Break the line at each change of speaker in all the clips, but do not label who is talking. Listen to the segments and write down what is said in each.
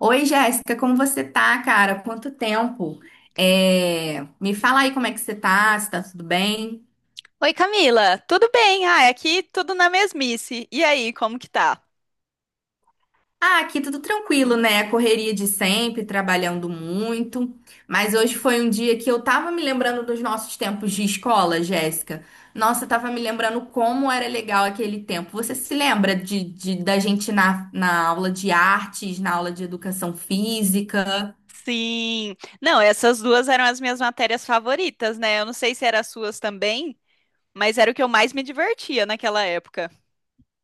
Oi, Jéssica, como você tá, cara? Quanto tempo? Me fala aí como é que você tá, se tá tudo bem?
Oi, Camila, tudo bem? Ah, aqui tudo na mesmice. E aí, como que tá?
Ah, aqui tudo tranquilo, né? Correria de sempre, trabalhando muito. Mas hoje foi um dia que eu tava me lembrando dos nossos tempos de escola, Jéssica. Nossa, eu tava me lembrando como era legal aquele tempo. Você se lembra da gente na aula de artes, na aula de educação física?
Sim. Não, essas duas eram as minhas matérias favoritas, né? Eu não sei se eram as suas também, mas era o que eu mais me divertia naquela época.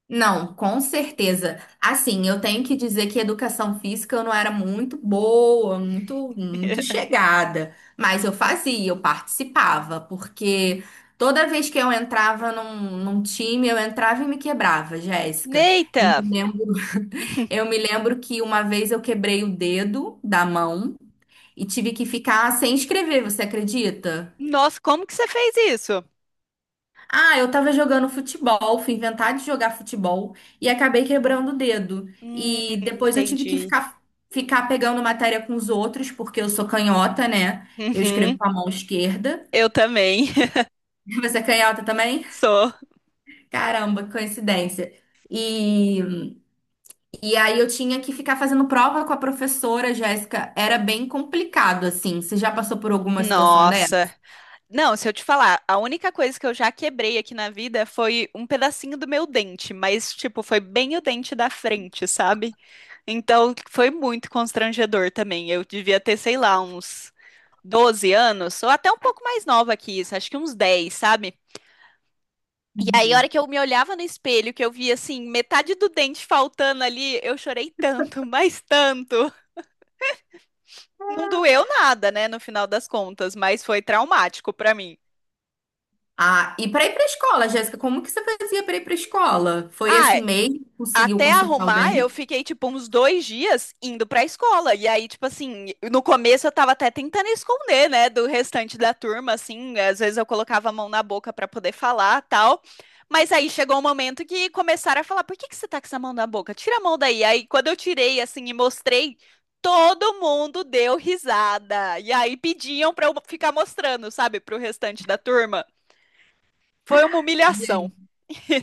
Não, com certeza. Assim, eu tenho que dizer que educação física eu não era muito boa, muito, muito chegada, mas eu fazia, eu participava, porque toda vez que eu entrava num time, eu entrava e me quebrava, Jéssica.
Neita!
Eu me lembro, eu me lembro que uma vez eu quebrei o dedo da mão e tive que ficar sem escrever, você acredita?
Nossa, como que você fez isso?
Ah, eu tava jogando futebol, fui inventar de jogar futebol e acabei quebrando o dedo. E depois eu tive que
Entendi.
ficar pegando matéria com os outros, porque eu sou canhota, né? Eu escrevo
Uhum,
com a mão esquerda.
eu também.
Você é canhota também?
Sou.
Caramba, que coincidência. E, e aí eu tinha que ficar fazendo prova com a professora, Jéssica. Era bem complicado, assim. Você já passou por alguma situação
Nossa. Não, se eu te falar, a única coisa que eu já quebrei aqui na vida foi um pedacinho do meu dente, mas, tipo, foi bem o dente da frente, sabe? Então, foi muito constrangedor também. Eu devia ter, sei lá, uns 12 anos, ou até um pouco mais nova que isso, acho que uns 10, sabe? E aí, a
dessa?
hora que eu me olhava no espelho, que eu via, assim, metade do dente faltando ali, eu chorei tanto, mas tanto. Não doeu nada, né, no final das contas, mas foi traumático pra mim.
Ah, e para ir para escola, Jéssica, como que você fazia para ir para escola? Foi
Ah,
assim mesmo? Conseguiu
até
consertar o
arrumar, eu
dente?
fiquei, tipo, uns 2 dias indo pra escola. E aí, tipo assim, no começo eu tava até tentando esconder, né, do restante da turma, assim. Às vezes eu colocava a mão na boca pra poder falar, tal. Mas aí chegou um momento que começaram a falar: por que que você tá com essa mão na boca? Tira a mão daí. Aí, quando eu tirei, assim, e mostrei, todo mundo deu risada. E aí pediam pra eu ficar mostrando, sabe, pro restante da turma. Foi uma humilhação.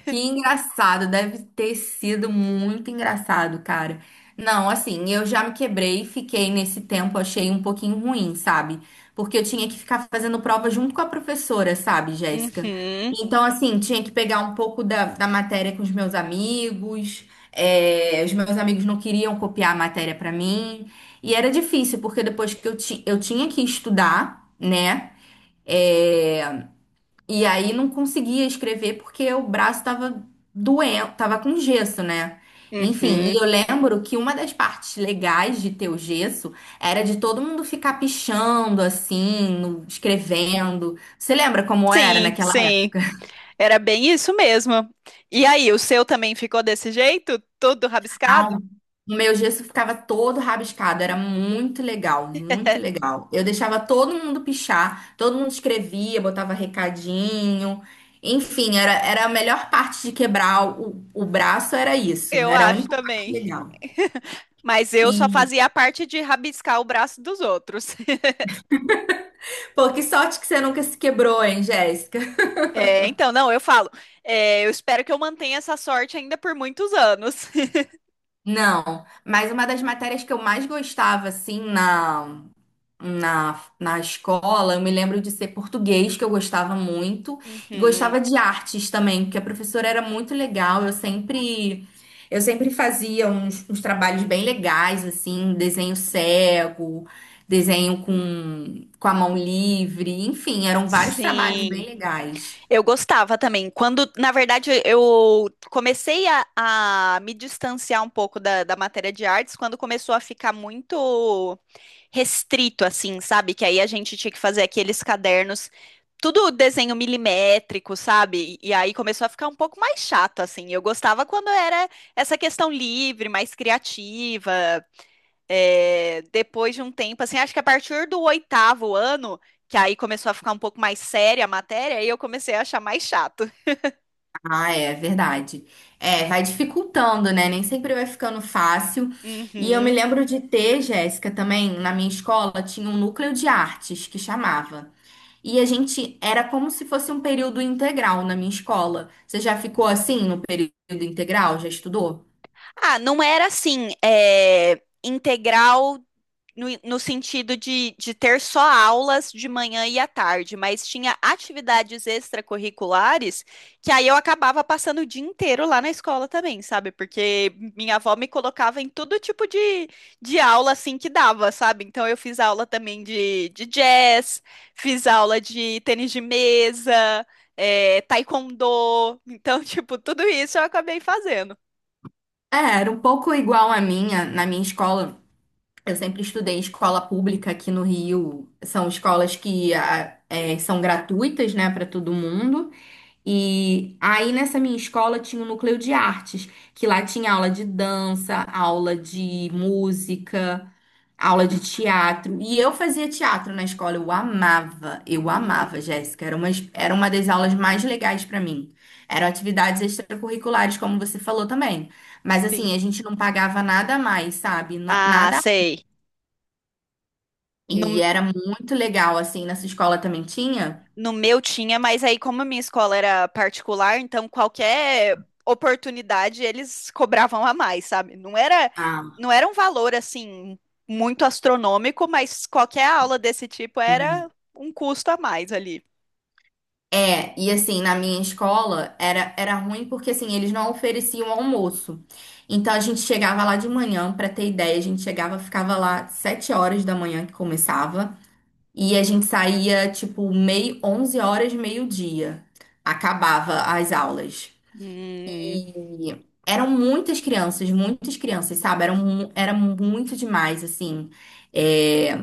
Que engraçado, deve ter sido muito engraçado, cara. Não, assim, eu já me quebrei, fiquei nesse tempo, achei um pouquinho ruim, sabe? Porque eu tinha que ficar fazendo prova junto com a professora, sabe, Jéssica?
Uhum,
Então, assim, tinha que pegar um pouco da matéria com os meus amigos, os meus amigos não queriam copiar a matéria pra mim, e era difícil, porque depois que eu tinha que estudar, né? É, e aí não conseguia escrever porque o braço tava doendo, tava com gesso, né? Enfim, e
uhum.
eu lembro que uma das partes legais de ter o gesso era de todo mundo ficar pichando assim, escrevendo. Você lembra como era
Sim,
naquela.
sim. Era bem isso mesmo. E aí, o seu também ficou desse jeito? Todo rabiscado?
Ah, o meu gesso ficava todo rabiscado, era muito legal, muito legal. Eu deixava todo mundo pichar, todo mundo escrevia, botava recadinho. Enfim, era a melhor parte de quebrar o braço, era isso.
Eu
Era a
acho
única parte
também.
legal.
Mas eu só
E,
fazia a parte de rabiscar o braço dos outros.
pô, que sorte que você nunca se quebrou, hein, Jéssica?
É, então, não, eu falo. É, eu espero que eu mantenha essa sorte ainda por muitos anos.
Não, mas uma das matérias que eu mais gostava, assim, na escola, eu me lembro de ser português, que eu gostava muito, e
Uhum.
gostava de artes também, porque a professora era muito legal, eu sempre fazia uns trabalhos bem legais, assim, desenho cego, desenho com a mão livre, enfim, eram vários trabalhos bem
Sim,
legais.
eu gostava também. Quando, na verdade, eu comecei a me distanciar um pouco da matéria de artes, quando começou a ficar muito restrito, assim, sabe? Que aí a gente tinha que fazer aqueles cadernos, tudo desenho milimétrico, sabe? E aí começou a ficar um pouco mais chato, assim. Eu gostava quando era essa questão livre, mais criativa. É, depois de um tempo, assim, acho que a partir do oitavo ano, que aí começou a ficar um pouco mais séria a matéria, aí eu comecei a achar mais chato.
Ah, é verdade. É, vai dificultando, né? Nem sempre vai ficando fácil. E eu me
Uhum.
lembro de ter, Jéssica, também, na minha escola, tinha um núcleo de artes que chamava. E a gente era como se fosse um período integral na minha escola. Você já ficou assim no período integral? Já estudou?
Ah, não era assim, é, integral no, no sentido de ter só aulas de manhã e à tarde, mas tinha atividades extracurriculares que aí eu acabava passando o dia inteiro lá na escola também, sabe? Porque minha avó me colocava em todo tipo de aula assim que dava, sabe? Então eu fiz aula também de jazz, fiz aula de tênis de mesa, é, taekwondo. Então, tipo, tudo isso eu acabei fazendo.
É, era um pouco igual a minha, na minha escola. Eu sempre estudei em escola pública aqui no Rio. São escolas que são gratuitas, né, para todo mundo. E aí nessa minha escola tinha um núcleo de artes, que lá tinha aula de dança, aula de música, aula de teatro. E eu fazia teatro na escola, eu amava,
Hum,
Jéssica. Era uma das aulas mais legais pra mim. Eram atividades extracurriculares, como você falou também. Mas assim, a
sim.
gente não pagava nada a mais, sabe?
Ah,
Nada.
sei. No
E era muito legal, assim, nessa escola também tinha.
No meu tinha, mas aí, como a minha escola era particular, então qualquer oportunidade eles cobravam a mais, sabe? Não era,
Ah.
não era um valor assim muito astronômico, mas qualquer aula desse tipo era
Uhum.
um custo a mais ali.
É, e assim, na minha escola era ruim porque assim, eles não ofereciam almoço. Então a gente chegava lá de manhã, pra ter ideia, a gente chegava, ficava lá 7 horas da manhã que começava, e a gente saía tipo meio 11 horas, meio-dia. Acabava as aulas.
Hum,
E eram muitas crianças, sabe? Era muito demais assim. É,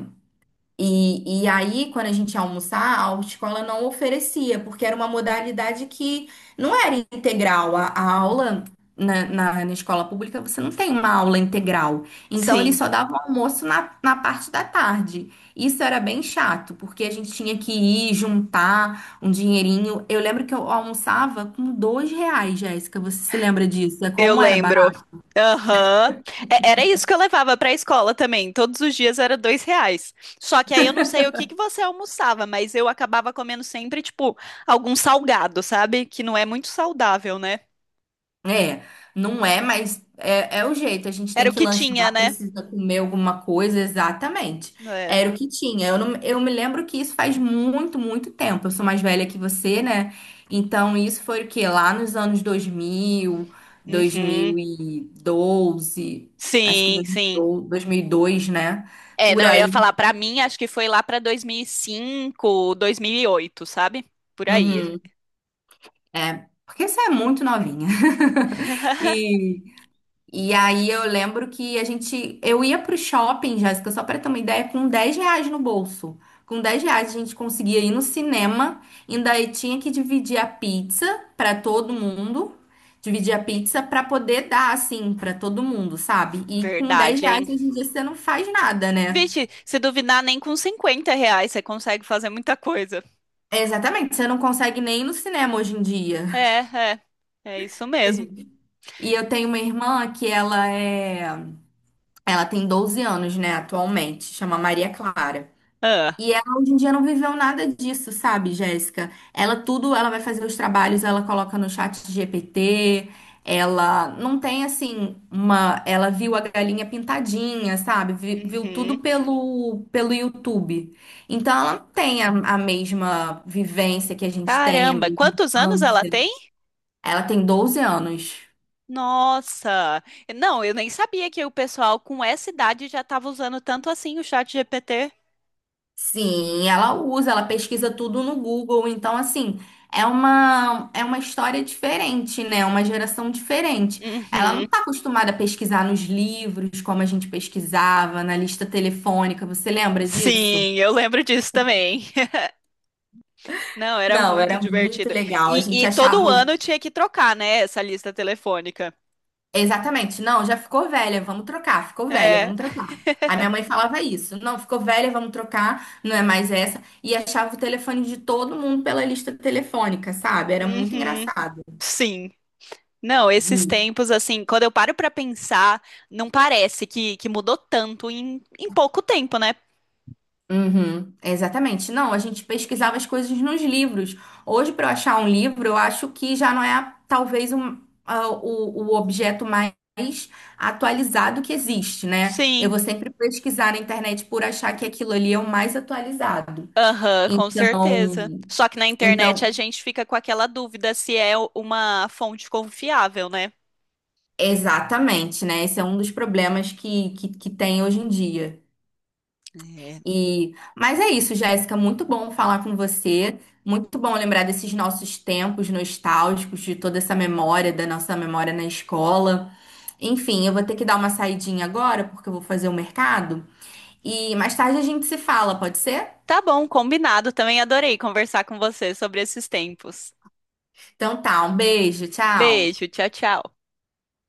e aí, quando a gente ia almoçar, a autoescola não oferecia, porque era uma modalidade que não era integral. A aula na escola pública, você não tem uma aula integral. Então, eles
sim.
só davam almoço na parte da tarde. Isso era bem chato, porque a gente tinha que ir juntar um dinheirinho. Eu lembro que eu almoçava com R$ 2, Jéssica. Você se lembra disso?
Eu
Como era.
lembro. Aham. É- Era isso que eu levava para a escola também. Todos os dias era R$ 2. Só que aí eu não sei o que que você almoçava, mas eu acabava comendo sempre, tipo, algum salgado, sabe? Que não é muito saudável, né?
É, não é, mas é o jeito. A gente tem
Era o
que
que tinha,
lanchar,
né?
precisa comer alguma coisa, exatamente.
É.
Era o que tinha. Eu, não- eu me lembro que isso faz muito, muito tempo. Eu sou mais velha que você, né? Então, isso foi o quê? Lá nos anos dois mil, dois
Uhum.
mil e doze, acho que
Sim, sim.
2012, dois, 1002, né?
É,
Por
não, eu ia
aí.
falar, para mim, acho que foi lá para e cinco, 2008, sabe? Por aí.
Uhum, é, porque você é muito novinha. E. E aí eu lembro que a gente, eu ia pro shopping, Jéssica, só para ter uma ideia, com R$ 10 no bolso. Com R$ 10 a gente conseguia ir no cinema, ainda aí tinha que dividir a pizza para todo mundo, dividir a pizza para poder dar assim para todo mundo, sabe? E com 10
Verdade,
reais
hein?
hoje em dia você não faz nada, né?
Vixe, se duvidar, nem com R$ 50 você consegue fazer muita coisa.
Exatamente, você não consegue nem ir no cinema hoje em dia.
É, é. É isso mesmo.
E eu tenho uma irmã ela tem 12 anos, né, atualmente, chama Maria Clara.
Ah,
E ela hoje em dia não viveu nada disso, sabe, Jéssica? Ela tudo, ela vai fazer os trabalhos, ela coloca no chat GPT, ela não tem ela viu a galinha pintadinha, sabe? Viu, tudo
uhum.
pelo YouTube. Então ela não tem a mesma vivência que a gente tem, a
Caramba,
mesma
quantos anos ela
infância.
tem?
Ela tem 12 anos.
Nossa! Não, eu nem sabia que o pessoal com essa idade já estava usando tanto assim o chat GPT.
Sim, ela usa, ela pesquisa tudo no Google, então assim, é uma história diferente, né? Uma geração diferente. Ela não
Uhum.
está acostumada a pesquisar nos livros como a gente pesquisava, na lista telefônica, você lembra disso?
Sim, eu lembro disso também. Não, era
Não,
muito
era muito
divertido.
legal. A
E,
gente
e todo
achava o-
ano tinha que trocar, né, essa lista telefônica.
exatamente, não, já ficou velha, vamos trocar, ficou velha,
É.
vamos trocar. A minha mãe falava isso, não, ficou velha, vamos trocar, não é mais essa. E achava o telefone de todo mundo pela lista telefônica, sabe? Era muito
Uhum.
engraçado.
Sim. Não, esses
Uhum.
tempos, assim, quando eu paro pra pensar, não parece que mudou tanto em pouco tempo, né?
Uhum, exatamente. Não, a gente pesquisava as coisas nos livros. Hoje, para eu achar um livro, eu acho que já não talvez o objeto mais atualizado que existe, né? Eu
Sim,
vou sempre pesquisar na internet por achar que aquilo ali é o mais atualizado.
aham, com certeza.
Então,
Só que na internet a
então,
gente fica com aquela dúvida se é uma fonte confiável, né?
exatamente, né? Esse é um dos problemas que tem hoje em dia.
É.
Mas é isso, Jéssica, muito bom falar com você, muito bom lembrar desses nossos tempos nostálgicos, de toda essa memória, da nossa memória na escola. Enfim, eu vou ter que dar uma saidinha agora, porque eu vou fazer o mercado, e mais tarde a gente se fala, pode ser?
Tá bom, combinado. Também adorei conversar com você sobre esses tempos.
Então tá, um beijo, tchau.
Beijo, tchau, tchau.